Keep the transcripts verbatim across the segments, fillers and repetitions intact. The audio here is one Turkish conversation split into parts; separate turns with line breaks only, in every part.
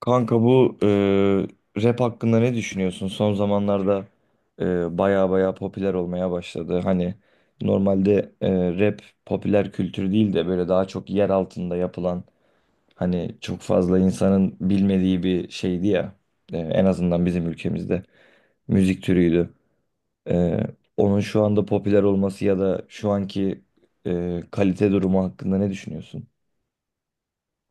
Kanka bu e, rap hakkında ne düşünüyorsun? Son zamanlarda e, baya baya popüler olmaya başladı. Hani normalde e, rap popüler kültür değil de böyle daha çok yer altında yapılan hani çok fazla insanın bilmediği bir şeydi ya. E, en azından bizim ülkemizde müzik türüydü. E, Onun şu anda popüler olması ya da şu anki e, kalite durumu hakkında ne düşünüyorsun?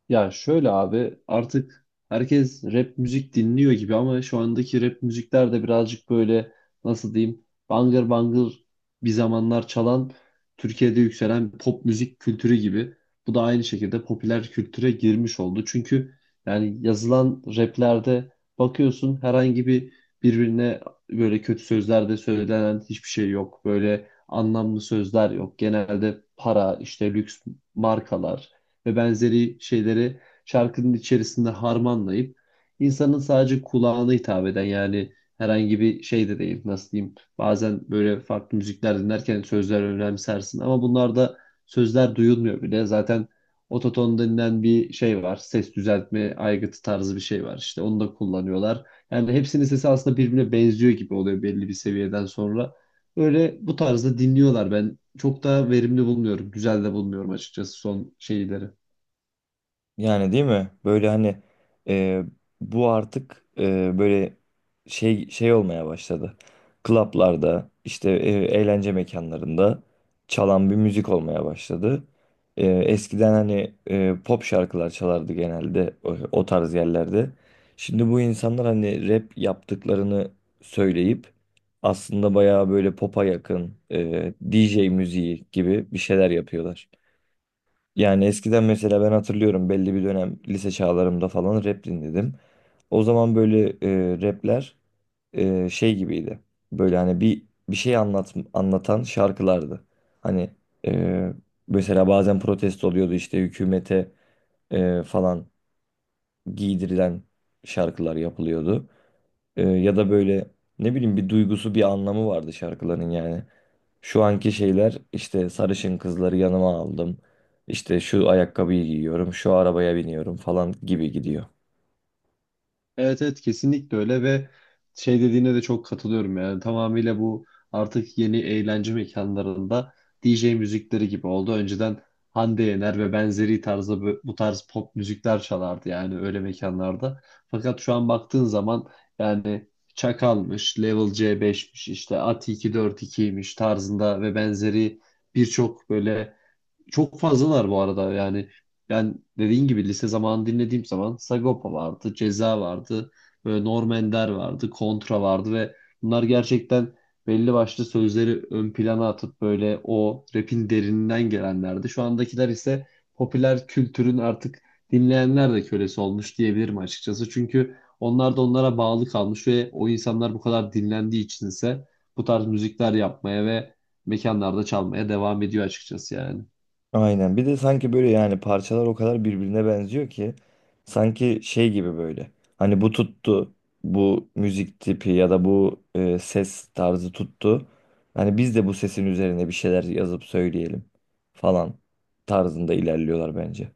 Ya şöyle abi, artık herkes rap müzik dinliyor gibi ama şu andaki rap müzikler de birazcık böyle, nasıl diyeyim, bangır bangır bir zamanlar çalan Türkiye'de yükselen pop müzik kültürü gibi. Bu da aynı şekilde popüler kültüre girmiş oldu. Çünkü yani yazılan raplerde bakıyorsun herhangi bir birbirine böyle kötü sözler de söylenen hiçbir şey yok. Böyle anlamlı sözler yok. Genelde para, işte lüks markalar ve benzeri şeyleri şarkının içerisinde harmanlayıp insanın sadece kulağına hitap eden, yani herhangi bir şey de değil. Nasıl diyeyim, bazen böyle farklı müzikler dinlerken sözler önemsersin ama bunlarda sözler duyulmuyor bile zaten. Ototon denilen bir şey var, ses düzeltme aygıtı tarzı bir şey var, işte onu da kullanıyorlar. Yani hepsinin sesi aslında birbirine benziyor gibi oluyor belli bir seviyeden sonra. Öyle bu tarzda dinliyorlar. Ben çok da verimli bulmuyorum, güzel de bulmuyorum açıkçası son şeyleri.
Yani değil mi? Böyle hani e, bu artık e, böyle şey şey olmaya başladı. Klaplarda işte e, eğlence mekanlarında çalan bir müzik olmaya başladı. E, eskiden hani e, pop şarkılar çalardı genelde o, o tarz yerlerde. Şimdi bu insanlar hani rap yaptıklarını söyleyip aslında bayağı böyle popa yakın e, D J müziği gibi bir şeyler yapıyorlar. Yani eskiden mesela ben hatırlıyorum belli bir dönem lise çağlarımda falan rap dinledim. O zaman böyle e, rapler e, şey gibiydi. Böyle hani bir bir şey anlat, anlatan şarkılardı. Hani e, mesela bazen protesto oluyordu işte hükümete e, falan giydirilen şarkılar yapılıyordu. Ee, ya da böyle ne bileyim bir duygusu bir anlamı vardı şarkıların yani. Şu anki şeyler işte sarışın kızları yanıma aldım. İşte şu ayakkabıyı giyiyorum, şu arabaya biniyorum falan gibi gidiyor.
Evet evet, kesinlikle öyle. Ve şey dediğine de çok katılıyorum, yani tamamıyla bu artık yeni eğlence mekanlarında D J müzikleri gibi oldu. Önceden Hande Yener ve benzeri tarzda bö- bu tarz pop müzikler çalardı yani öyle mekanlarda. Fakat şu an baktığın zaman yani Çakal'mış, Level C beşmiş, işte A T iki yüz kırk ikiymiş tarzında ve benzeri birçok böyle, çok fazlalar bu arada yani. Ben dediğin gibi lise zamanı dinlediğim zaman Sagopa vardı, Ceza vardı, böyle Norm Ender vardı, Kontra vardı ve bunlar gerçekten belli başlı sözleri ön plana atıp böyle o rap'in derininden gelenlerdi. Şu andakiler ise popüler kültürün artık dinleyenler de kölesi olmuş diyebilirim açıkçası. Çünkü onlar da onlara bağlı kalmış ve o insanlar bu kadar dinlendiği için ise bu tarz müzikler yapmaya ve mekanlarda çalmaya devam ediyor açıkçası yani.
Aynen. Bir de sanki böyle yani parçalar o kadar birbirine benziyor ki sanki şey gibi böyle. Hani bu tuttu, bu müzik tipi ya da bu e, ses tarzı tuttu. Hani biz de bu sesin üzerine bir şeyler yazıp söyleyelim falan tarzında ilerliyorlar bence.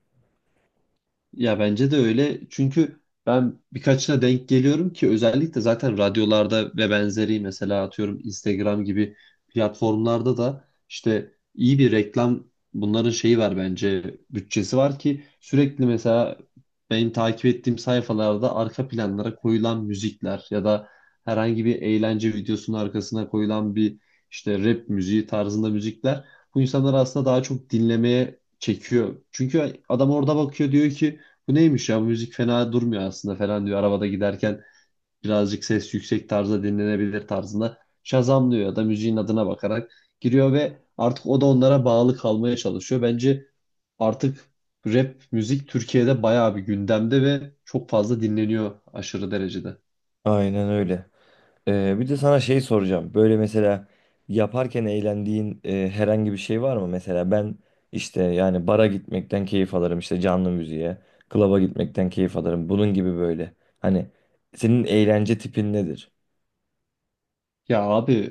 Ya bence de öyle. Çünkü ben birkaçına denk geliyorum ki, özellikle zaten radyolarda ve benzeri, mesela atıyorum Instagram gibi platformlarda da işte iyi bir reklam bunların şeyi var bence, bütçesi var ki sürekli mesela benim takip ettiğim sayfalarda arka planlara koyulan müzikler ya da herhangi bir eğlence videosunun arkasına koyulan bir işte rap müziği tarzında müzikler bu insanları aslında daha çok dinlemeye çekiyor. Çünkü adam orada bakıyor diyor ki bu neymiş ya, bu müzik fena durmuyor aslında falan diyor. Arabada giderken birazcık ses yüksek tarzda dinlenebilir tarzında şazamlıyor ya da müziğin adına bakarak giriyor ve artık o da onlara bağlı kalmaya çalışıyor. Bence artık rap müzik Türkiye'de bayağı bir gündemde ve çok fazla dinleniyor aşırı derecede.
Aynen öyle. Ee, bir de sana şey soracağım. Böyle mesela yaparken eğlendiğin e, herhangi bir şey var mı? Mesela ben işte yani bara gitmekten keyif alırım işte canlı müziğe, klaba gitmekten keyif alırım. Bunun gibi böyle. Hani senin eğlence tipin nedir?
Ya abi,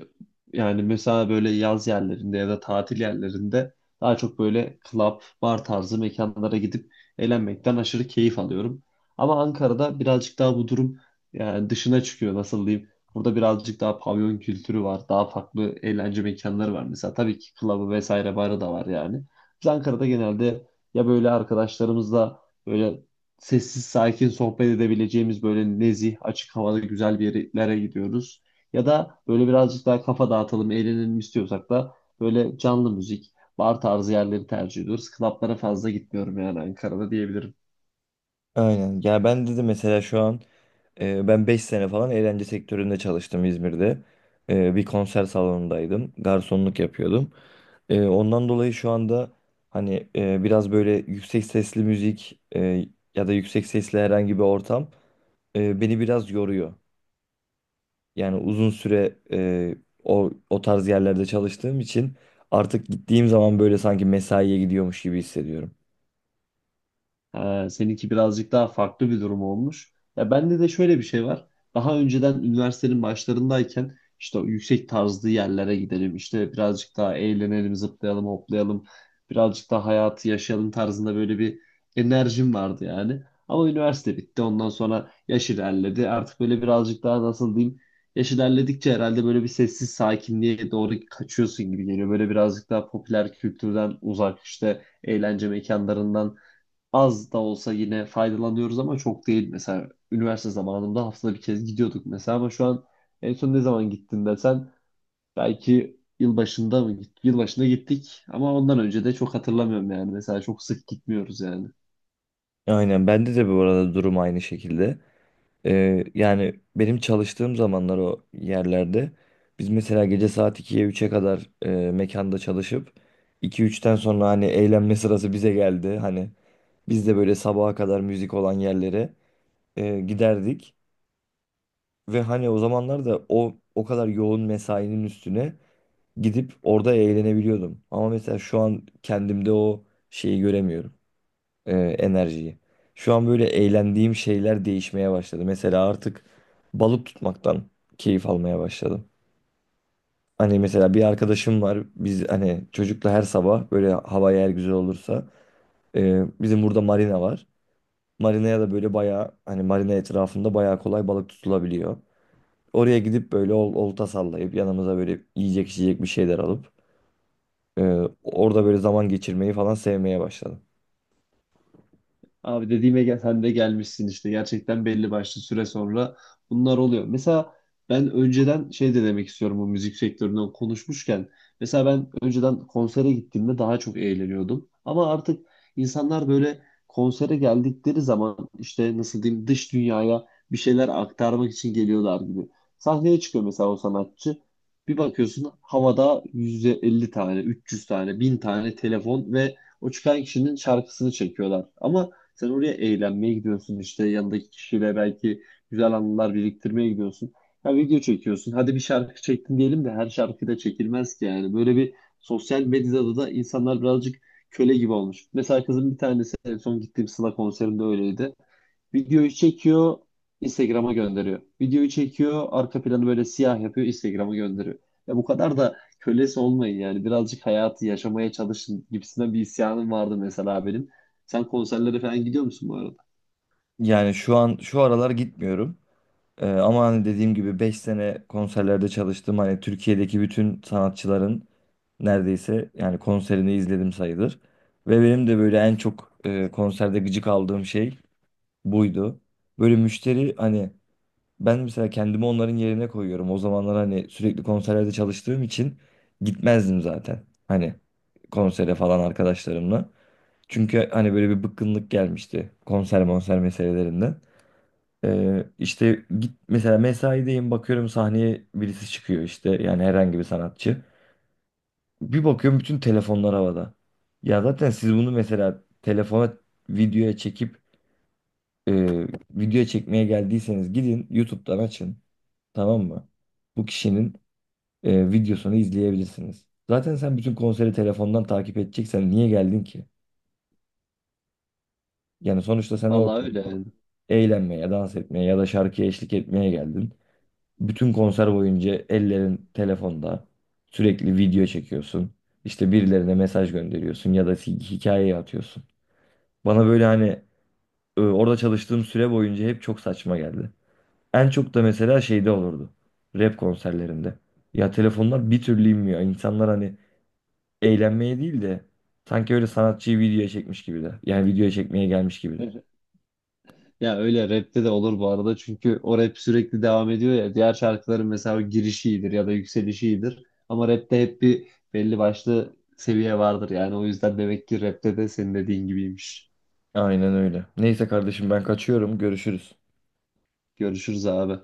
yani mesela böyle yaz yerlerinde ya da tatil yerlerinde daha çok böyle club, bar tarzı mekanlara gidip eğlenmekten aşırı keyif alıyorum. Ama Ankara'da birazcık daha bu durum yani dışına çıkıyor, nasıl diyeyim. Burada birazcık daha pavyon kültürü var. Daha farklı eğlence mekanları var. Mesela tabii ki club'ı vesaire, barı da var yani. Biz Ankara'da genelde ya böyle arkadaşlarımızla böyle sessiz sakin sohbet edebileceğimiz böyle nezih, açık havada güzel bir yerlere gidiyoruz. Ya da böyle birazcık daha kafa dağıtalım, eğlenelim istiyorsak da böyle canlı müzik, bar tarzı yerleri tercih ediyoruz. Klaplara fazla gitmiyorum yani Ankara'da diyebilirim.
Aynen. Ya ben dedi mesela şu an e, ben beş sene falan eğlence sektöründe çalıştım İzmir'de. E, bir konser salonundaydım. Garsonluk yapıyordum. Ee, ondan dolayı şu anda hani e, biraz böyle yüksek sesli müzik e, ya da yüksek sesli herhangi bir ortam e, beni biraz yoruyor. Yani uzun süre e, o o tarz yerlerde çalıştığım için artık gittiğim zaman böyle sanki mesaiye gidiyormuş gibi hissediyorum.
Ee, seninki birazcık daha farklı bir durum olmuş. Ya bende de şöyle bir şey var. Daha önceden üniversitenin başlarındayken işte o yüksek tarzlı yerlere gidelim, işte birazcık daha eğlenelim, zıplayalım, hoplayalım. Birazcık daha hayatı yaşayalım tarzında böyle bir enerjim vardı yani. Ama üniversite bitti. Ondan sonra yaş ilerledi. Artık böyle birazcık daha nasıl diyeyim? Yaş ilerledikçe herhalde böyle bir sessiz sakinliğe doğru kaçıyorsun gibi geliyor. Böyle birazcık daha popüler kültürden uzak işte eğlence mekanlarından az da olsa yine faydalanıyoruz ama çok değil. Mesela üniversite zamanında haftada bir kez gidiyorduk mesela, ama şu an en son ne zaman gittin desen belki yılbaşında mı gittik? Yılbaşında gittik ama ondan önce de çok hatırlamıyorum yani. Mesela çok sık gitmiyoruz yani.
Aynen bende de bu arada durum aynı şekilde. Ee, yani benim çalıştığım zamanlar o yerlerde biz mesela gece saat ikiye üçe kadar e, mekanda çalışıp iki üçten sonra hani eğlenme sırası bize geldi. Hani biz de böyle sabaha kadar müzik olan yerlere e, giderdik ve hani o zamanlar da o o kadar yoğun mesainin üstüne gidip orada eğlenebiliyordum. Ama mesela şu an kendimde o şeyi göremiyorum e, enerjiyi. Şu an böyle eğlendiğim şeyler değişmeye başladı. Mesela artık balık tutmaktan keyif almaya başladım. Hani mesela bir arkadaşım var. Biz hani çocukla her sabah böyle hava eğer güzel olursa e, bizim burada marina var. Marinaya da böyle bayağı hani marina etrafında bayağı kolay balık tutulabiliyor. Oraya gidip böyle ol- olta sallayıp yanımıza böyle yiyecek içecek bir şeyler alıp e, orada böyle zaman geçirmeyi falan sevmeye başladım.
Abi dediğime gel, sen de gelmişsin işte. Gerçekten belli başlı süre sonra bunlar oluyor. Mesela ben önceden şey de demek istiyorum bu müzik sektöründen konuşmuşken. Mesela ben önceden konsere gittiğimde daha çok eğleniyordum. Ama artık insanlar böyle konsere geldikleri zaman işte nasıl diyeyim dış dünyaya bir şeyler aktarmak için geliyorlar gibi. Sahneye çıkıyor mesela o sanatçı. Bir bakıyorsun havada yüz elli tane, üç yüz tane, bin tane telefon ve o çıkan kişinin şarkısını çekiyorlar. Ama sen oraya eğlenmeye gidiyorsun, işte yanındaki kişiyle belki güzel anılar biriktirmeye gidiyorsun. Ya video çekiyorsun. Hadi bir şarkı çektin diyelim de her şarkı da çekilmez ki yani. Böyle bir sosyal medyada da insanlar birazcık köle gibi olmuş. Mesela kızın bir tanesi en son gittiğim Sıla konserinde öyleydi. Videoyu çekiyor, Instagram'a gönderiyor. Videoyu çekiyor, arka planı böyle siyah yapıyor, Instagram'a gönderiyor. Ya bu kadar da kölesi olmayın yani. Birazcık hayatı yaşamaya çalışın gibisinden bir isyanım vardı mesela benim. Sen konserlere falan gidiyor musun bu arada?
Yani şu an şu aralar gitmiyorum. Ee, ama hani dediğim gibi beş sene konserlerde çalıştım. Hani Türkiye'deki bütün sanatçıların neredeyse yani konserini izledim sayılır. Ve benim de böyle en çok e, konserde gıcık aldığım şey buydu. Böyle müşteri hani ben mesela kendimi onların yerine koyuyorum. O zamanlar hani sürekli konserlerde çalıştığım için gitmezdim zaten. Hani konsere falan arkadaşlarımla. Çünkü hani böyle bir bıkkınlık gelmişti konser monser meselelerinde. Ee, işte git mesela mesaideyim bakıyorum sahneye birisi çıkıyor işte yani herhangi bir sanatçı. Bir bakıyorum bütün telefonlar havada. Ya zaten siz bunu mesela telefona videoya çekip e, videoya çekmeye geldiyseniz gidin YouTube'dan açın, tamam mı? Bu kişinin e, videosunu izleyebilirsiniz. Zaten sen bütün konseri telefondan takip edeceksen niye geldin ki? Yani sonuçta sen orada
Vallahi öyle yani.
eğlenmeye, dans etmeye ya da şarkıya eşlik etmeye geldin. Bütün konser boyunca ellerin telefonda. Sürekli video çekiyorsun. İşte birilerine mesaj gönderiyorsun ya da hi- hikaye atıyorsun. Bana böyle hani e, orada çalıştığım süre boyunca hep çok saçma geldi. En çok da mesela şeyde olurdu. Rap konserlerinde. Ya telefonlar bir türlü inmiyor. İnsanlar hani eğlenmeye değil de sanki öyle sanatçıyı videoya çekmiş gibiler. Yani videoya çekmeye gelmiş gibiler.
Ya öyle rapte de olur bu arada çünkü o rap sürekli devam ediyor ya. Diğer şarkıların mesela o girişi iyidir ya da yükselişi iyidir. Ama rapte hep bir belli başlı seviye vardır yani. O yüzden demek ki rapte de senin dediğin gibiymiş.
Aynen öyle. Neyse kardeşim ben kaçıyorum. Görüşürüz.
Görüşürüz abi.